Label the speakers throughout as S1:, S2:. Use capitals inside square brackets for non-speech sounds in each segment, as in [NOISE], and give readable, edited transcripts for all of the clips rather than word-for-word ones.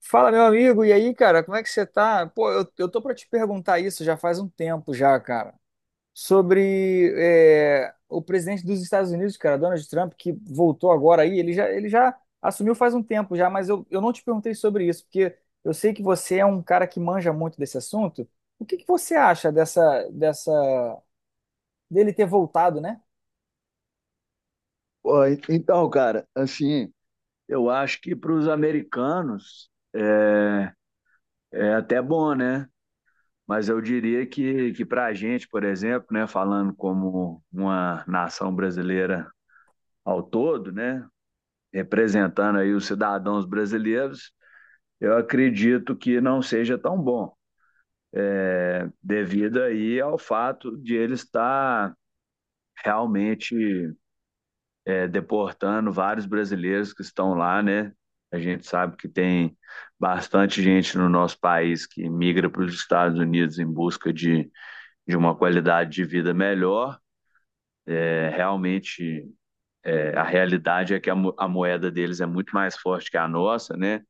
S1: Fala, meu amigo, e aí, cara, como é que você tá? Pô, eu tô pra te perguntar isso já faz um tempo já, cara, sobre o presidente dos Estados Unidos, cara, Donald Trump, que voltou agora aí, ele já assumiu faz um tempo já, mas eu não te perguntei sobre isso, porque eu sei que você é um cara que manja muito desse assunto. O que que você acha dele ter voltado, né?
S2: Pô, Então, cara, assim, eu acho que para os americanos é até bom, né? Mas eu diria que para a gente, por exemplo, né, falando como uma nação brasileira ao todo, né, representando aí os cidadãos brasileiros, eu acredito que não seja tão bom, devido aí ao fato de ele estar realmente deportando vários brasileiros que estão lá, né? A gente sabe que tem bastante gente no nosso país que migra para os Estados Unidos em busca de uma qualidade de vida melhor. É, realmente, a realidade é que a moeda deles é muito mais forte que a nossa, né?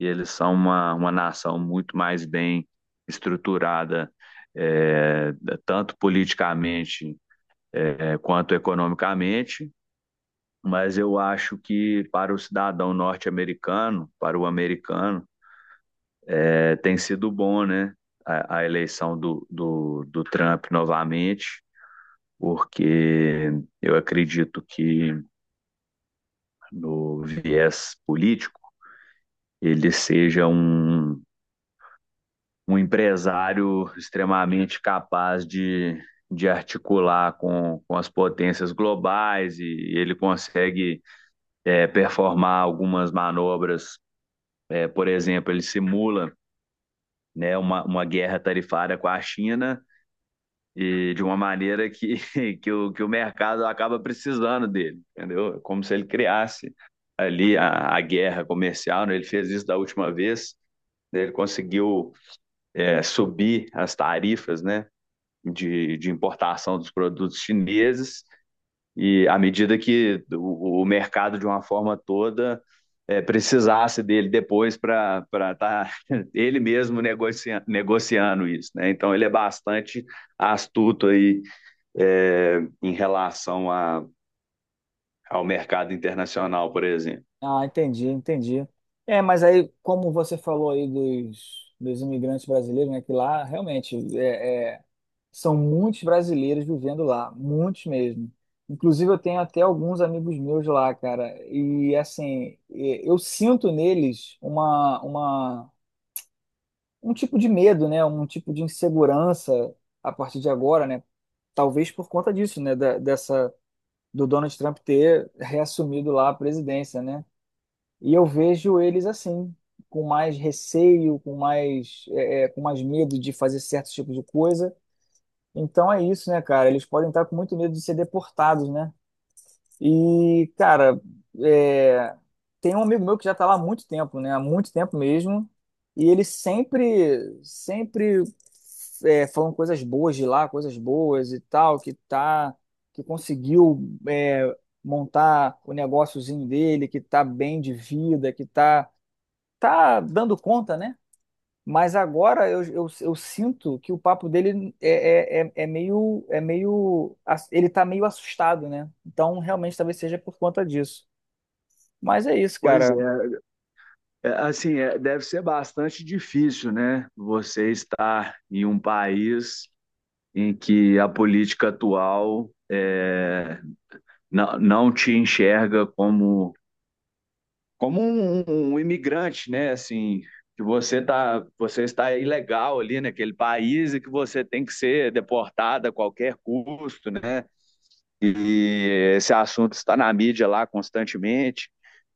S2: E eles são uma nação muito mais bem estruturada, é, tanto politicamente, quanto economicamente. Mas eu acho que para o cidadão norte-americano, para o americano, tem sido bom, né? A eleição do Trump novamente, porque eu acredito que no viés político ele seja um empresário extremamente capaz de articular com as potências globais e ele consegue performar algumas manobras. Por exemplo, ele simula né, uma guerra tarifária com a China e de uma maneira que, [LAUGHS] que o mercado acaba precisando dele, entendeu? Como se ele criasse ali a guerra comercial, né? Ele fez isso da última vez, né? Ele conseguiu subir as tarifas, né, de importação dos produtos chineses e à medida que o mercado, de uma forma toda, precisasse dele depois para estar tá [LAUGHS] ele mesmo negociando isso, né? Então ele é bastante astuto aí, em relação ao mercado internacional, por exemplo.
S1: Ah, entendi, entendi. É, mas aí, como você falou aí dos imigrantes brasileiros, né, que lá realmente são muitos brasileiros vivendo lá, muitos mesmo. Inclusive, eu tenho até alguns amigos meus lá, cara. E assim, eu sinto neles um tipo de medo, né? Um tipo de insegurança a partir de agora, né? Talvez por conta disso, né? Dessa, do Donald Trump ter reassumido lá a presidência, né? E eu vejo eles assim, com mais receio, com mais, com mais medo de fazer certos tipos de coisa. Então é isso, né, cara? Eles podem estar com muito medo de ser deportados, né? E, cara, é, tem um amigo meu que já tá lá há muito tempo, né? Há muito tempo mesmo. E ele sempre, sempre falando coisas boas de lá, coisas boas e tal, que tá, que conseguiu é, montar o negóciozinho dele, que tá bem de vida, que tá, tá dando conta, né? Mas agora eu sinto que o papo dele é meio, ele tá meio assustado, né? Então realmente talvez seja por conta disso. Mas é isso,
S2: Pois é.
S1: cara.
S2: Assim, deve ser bastante difícil, né? Você estar em um país em que a política atual não te enxerga como um imigrante, né? Assim, que você está ilegal ali naquele país e que você tem que ser deportado a qualquer custo, né? E esse assunto está na mídia lá constantemente,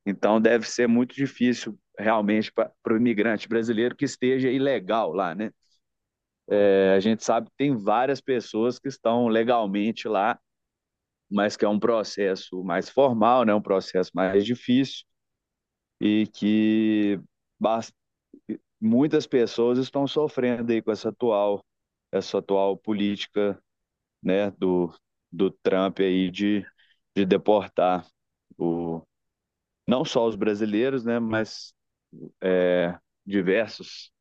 S2: então deve ser muito difícil realmente para o imigrante brasileiro que esteja ilegal lá, né? A gente sabe que tem várias pessoas que estão legalmente lá, mas que é um processo mais formal, né? Um processo mais difícil e que muitas pessoas estão sofrendo aí com essa atual política, né, do Trump aí de deportar o, não só os brasileiros, né, mas é, diversos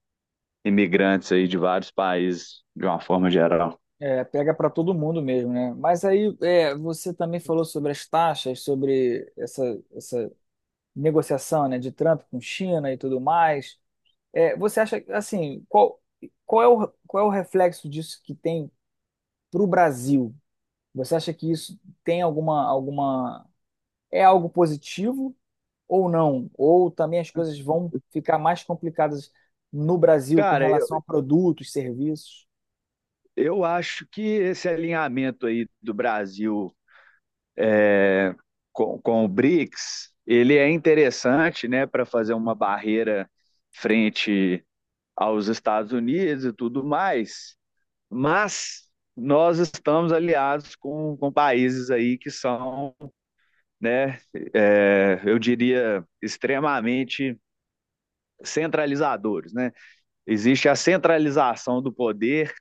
S2: imigrantes aí de vários países de uma forma geral.
S1: É, pega para todo mundo mesmo, né? Mas aí é, você também falou sobre as taxas, sobre essa negociação, né, de Trump com China e tudo mais. É, você acha assim, qual é qual é o reflexo disso que tem para o Brasil? Você acha que isso tem alguma é algo positivo ou não? Ou também as coisas vão ficar mais complicadas no Brasil com
S2: Cara, eu,
S1: relação a produtos, serviços?
S2: eu acho que esse alinhamento aí do Brasil é, com o BRICS, ele é interessante, né, para fazer uma barreira frente aos Estados Unidos e tudo mais, mas nós estamos aliados com países aí que são, né, eu diria, extremamente centralizadores, né? Existe a centralização do poder,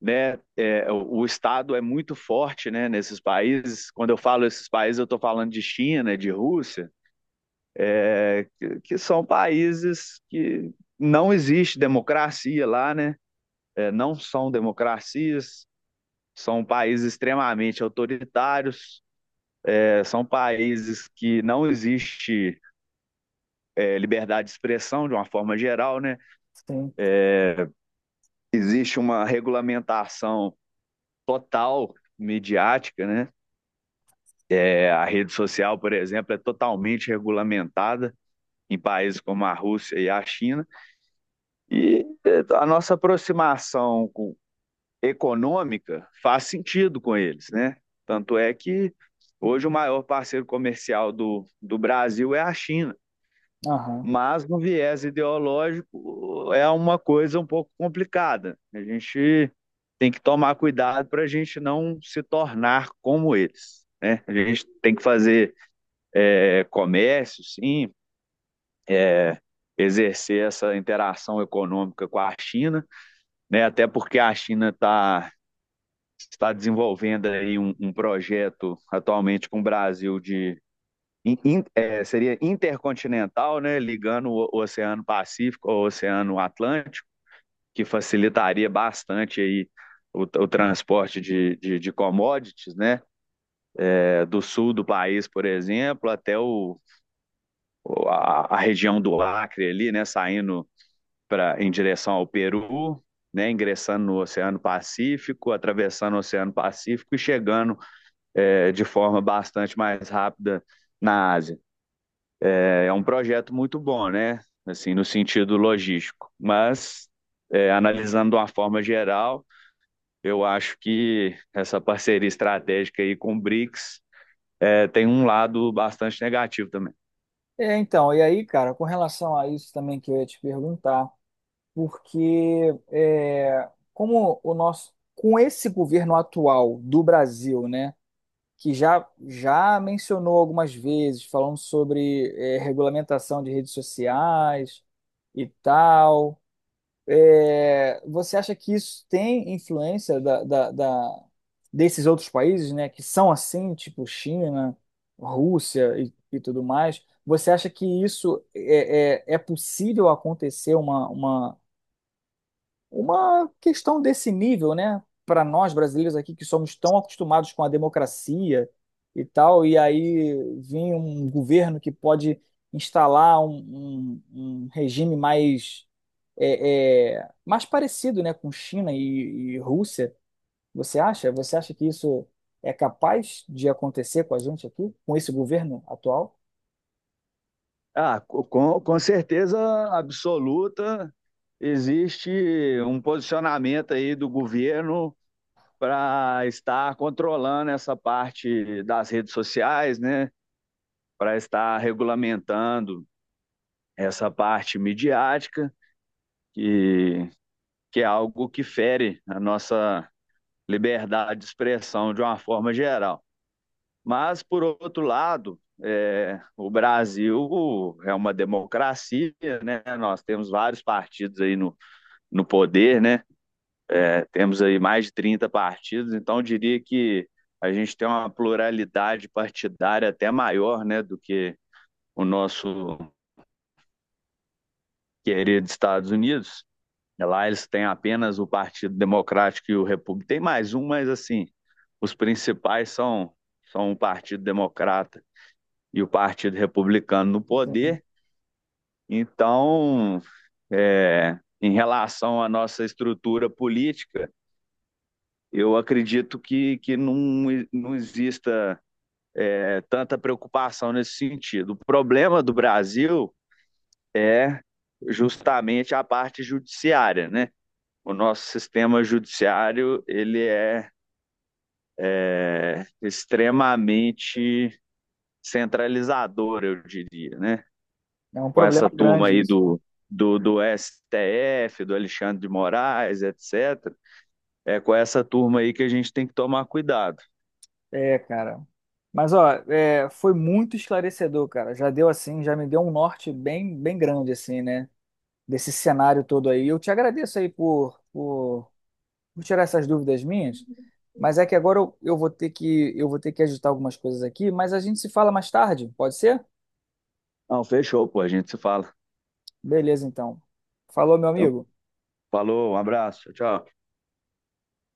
S2: né? O Estado é muito forte, né? Nesses países, quando eu falo esses países, eu estou falando de China, de Rússia, que são países que não existe democracia lá, né? Não são democracias. São países extremamente autoritários, são países que não existe liberdade de expressão de uma forma geral, né?
S1: Sim.
S2: Existe uma regulamentação total midiática, né? A rede social, por exemplo, é totalmente regulamentada em países como a Rússia e a China. E a nossa aproximação econômica faz sentido com eles, né? Tanto é que hoje o maior parceiro comercial do Brasil é a China.
S1: Aham.
S2: Mas no viés ideológico é uma coisa um pouco complicada. A gente tem que tomar cuidado para a gente não se tornar como eles, né? A gente tem que fazer comércio, sim, é, exercer essa interação econômica com a China, né? Até porque a China está desenvolvendo aí um projeto atualmente com o Brasil de seria intercontinental, né? Ligando o Oceano Pacífico ao Oceano Atlântico, que facilitaria bastante aí o transporte de commodities, né? Do sul do país, por exemplo, até a região do Acre ali, né? Saindo em direção ao Peru, né? Ingressando no Oceano Pacífico, atravessando o Oceano Pacífico e chegando de forma bastante mais rápida na Ásia. É um projeto muito bom, né? Assim, no sentido logístico, mas analisando de uma forma geral. Eu acho que essa parceria estratégica aí com o BRICS tem um lado bastante negativo também.
S1: É, então, e aí, cara, com relação a isso também que eu ia te perguntar, porque é, como o nosso, com esse governo atual do Brasil, né, que já já mencionou algumas vezes, falando sobre regulamentação de redes sociais e tal. É, você acha que isso tem influência desses outros países, né, que são assim, tipo China, Rússia e tudo mais? Você acha que isso é possível acontecer uma questão desse nível, né, para nós brasileiros aqui que somos tão acostumados com a democracia e tal, e aí vem um governo que pode instalar um regime mais mais parecido, né, com China e Rússia. Você acha? Você acha que isso é capaz de acontecer com a gente aqui, com esse governo atual?
S2: Ah, com certeza absoluta, existe um posicionamento aí do governo para estar controlando essa parte das redes sociais, né? Para estar regulamentando essa parte midiática, que, que é algo que fere a nossa liberdade de expressão de uma forma geral. Mas, por outro lado, o Brasil é uma democracia, né? Nós temos vários partidos aí no poder, né? Temos aí mais de 30 partidos, então eu diria que a gente tem uma pluralidade partidária até maior, né, do que o nosso querido Estados Unidos. Lá eles têm apenas o Partido Democrático e o Repúblico. Tem mais um, mas assim, os principais são, o Partido Democrata e o Partido Republicano no poder. Então, em relação à nossa estrutura política, eu acredito que não exista tanta preocupação nesse sentido. O problema do Brasil, justamente, é a parte judiciária, né? O nosso sistema judiciário ele é extremamente centralizador, eu diria, né?
S1: É um
S2: Com
S1: problema
S2: essa turma
S1: grande
S2: aí
S1: isso, né?
S2: do STF, do Alexandre de Moraes, etc. É com essa turma aí que a gente tem que tomar cuidado.
S1: É, cara. Mas, ó, é, foi muito esclarecedor, cara. Já deu assim, já me deu um norte bem, bem grande, assim, né? Desse cenário todo aí. Eu te agradeço aí por tirar essas dúvidas minhas. Mas é que agora eu vou ter que ajustar algumas coisas aqui. Mas a gente se fala mais tarde, pode ser?
S2: Não, fechou, pô, a gente se fala.
S1: Beleza, então. Falou, meu
S2: Então,
S1: amigo.
S2: falou, um abraço, tchau.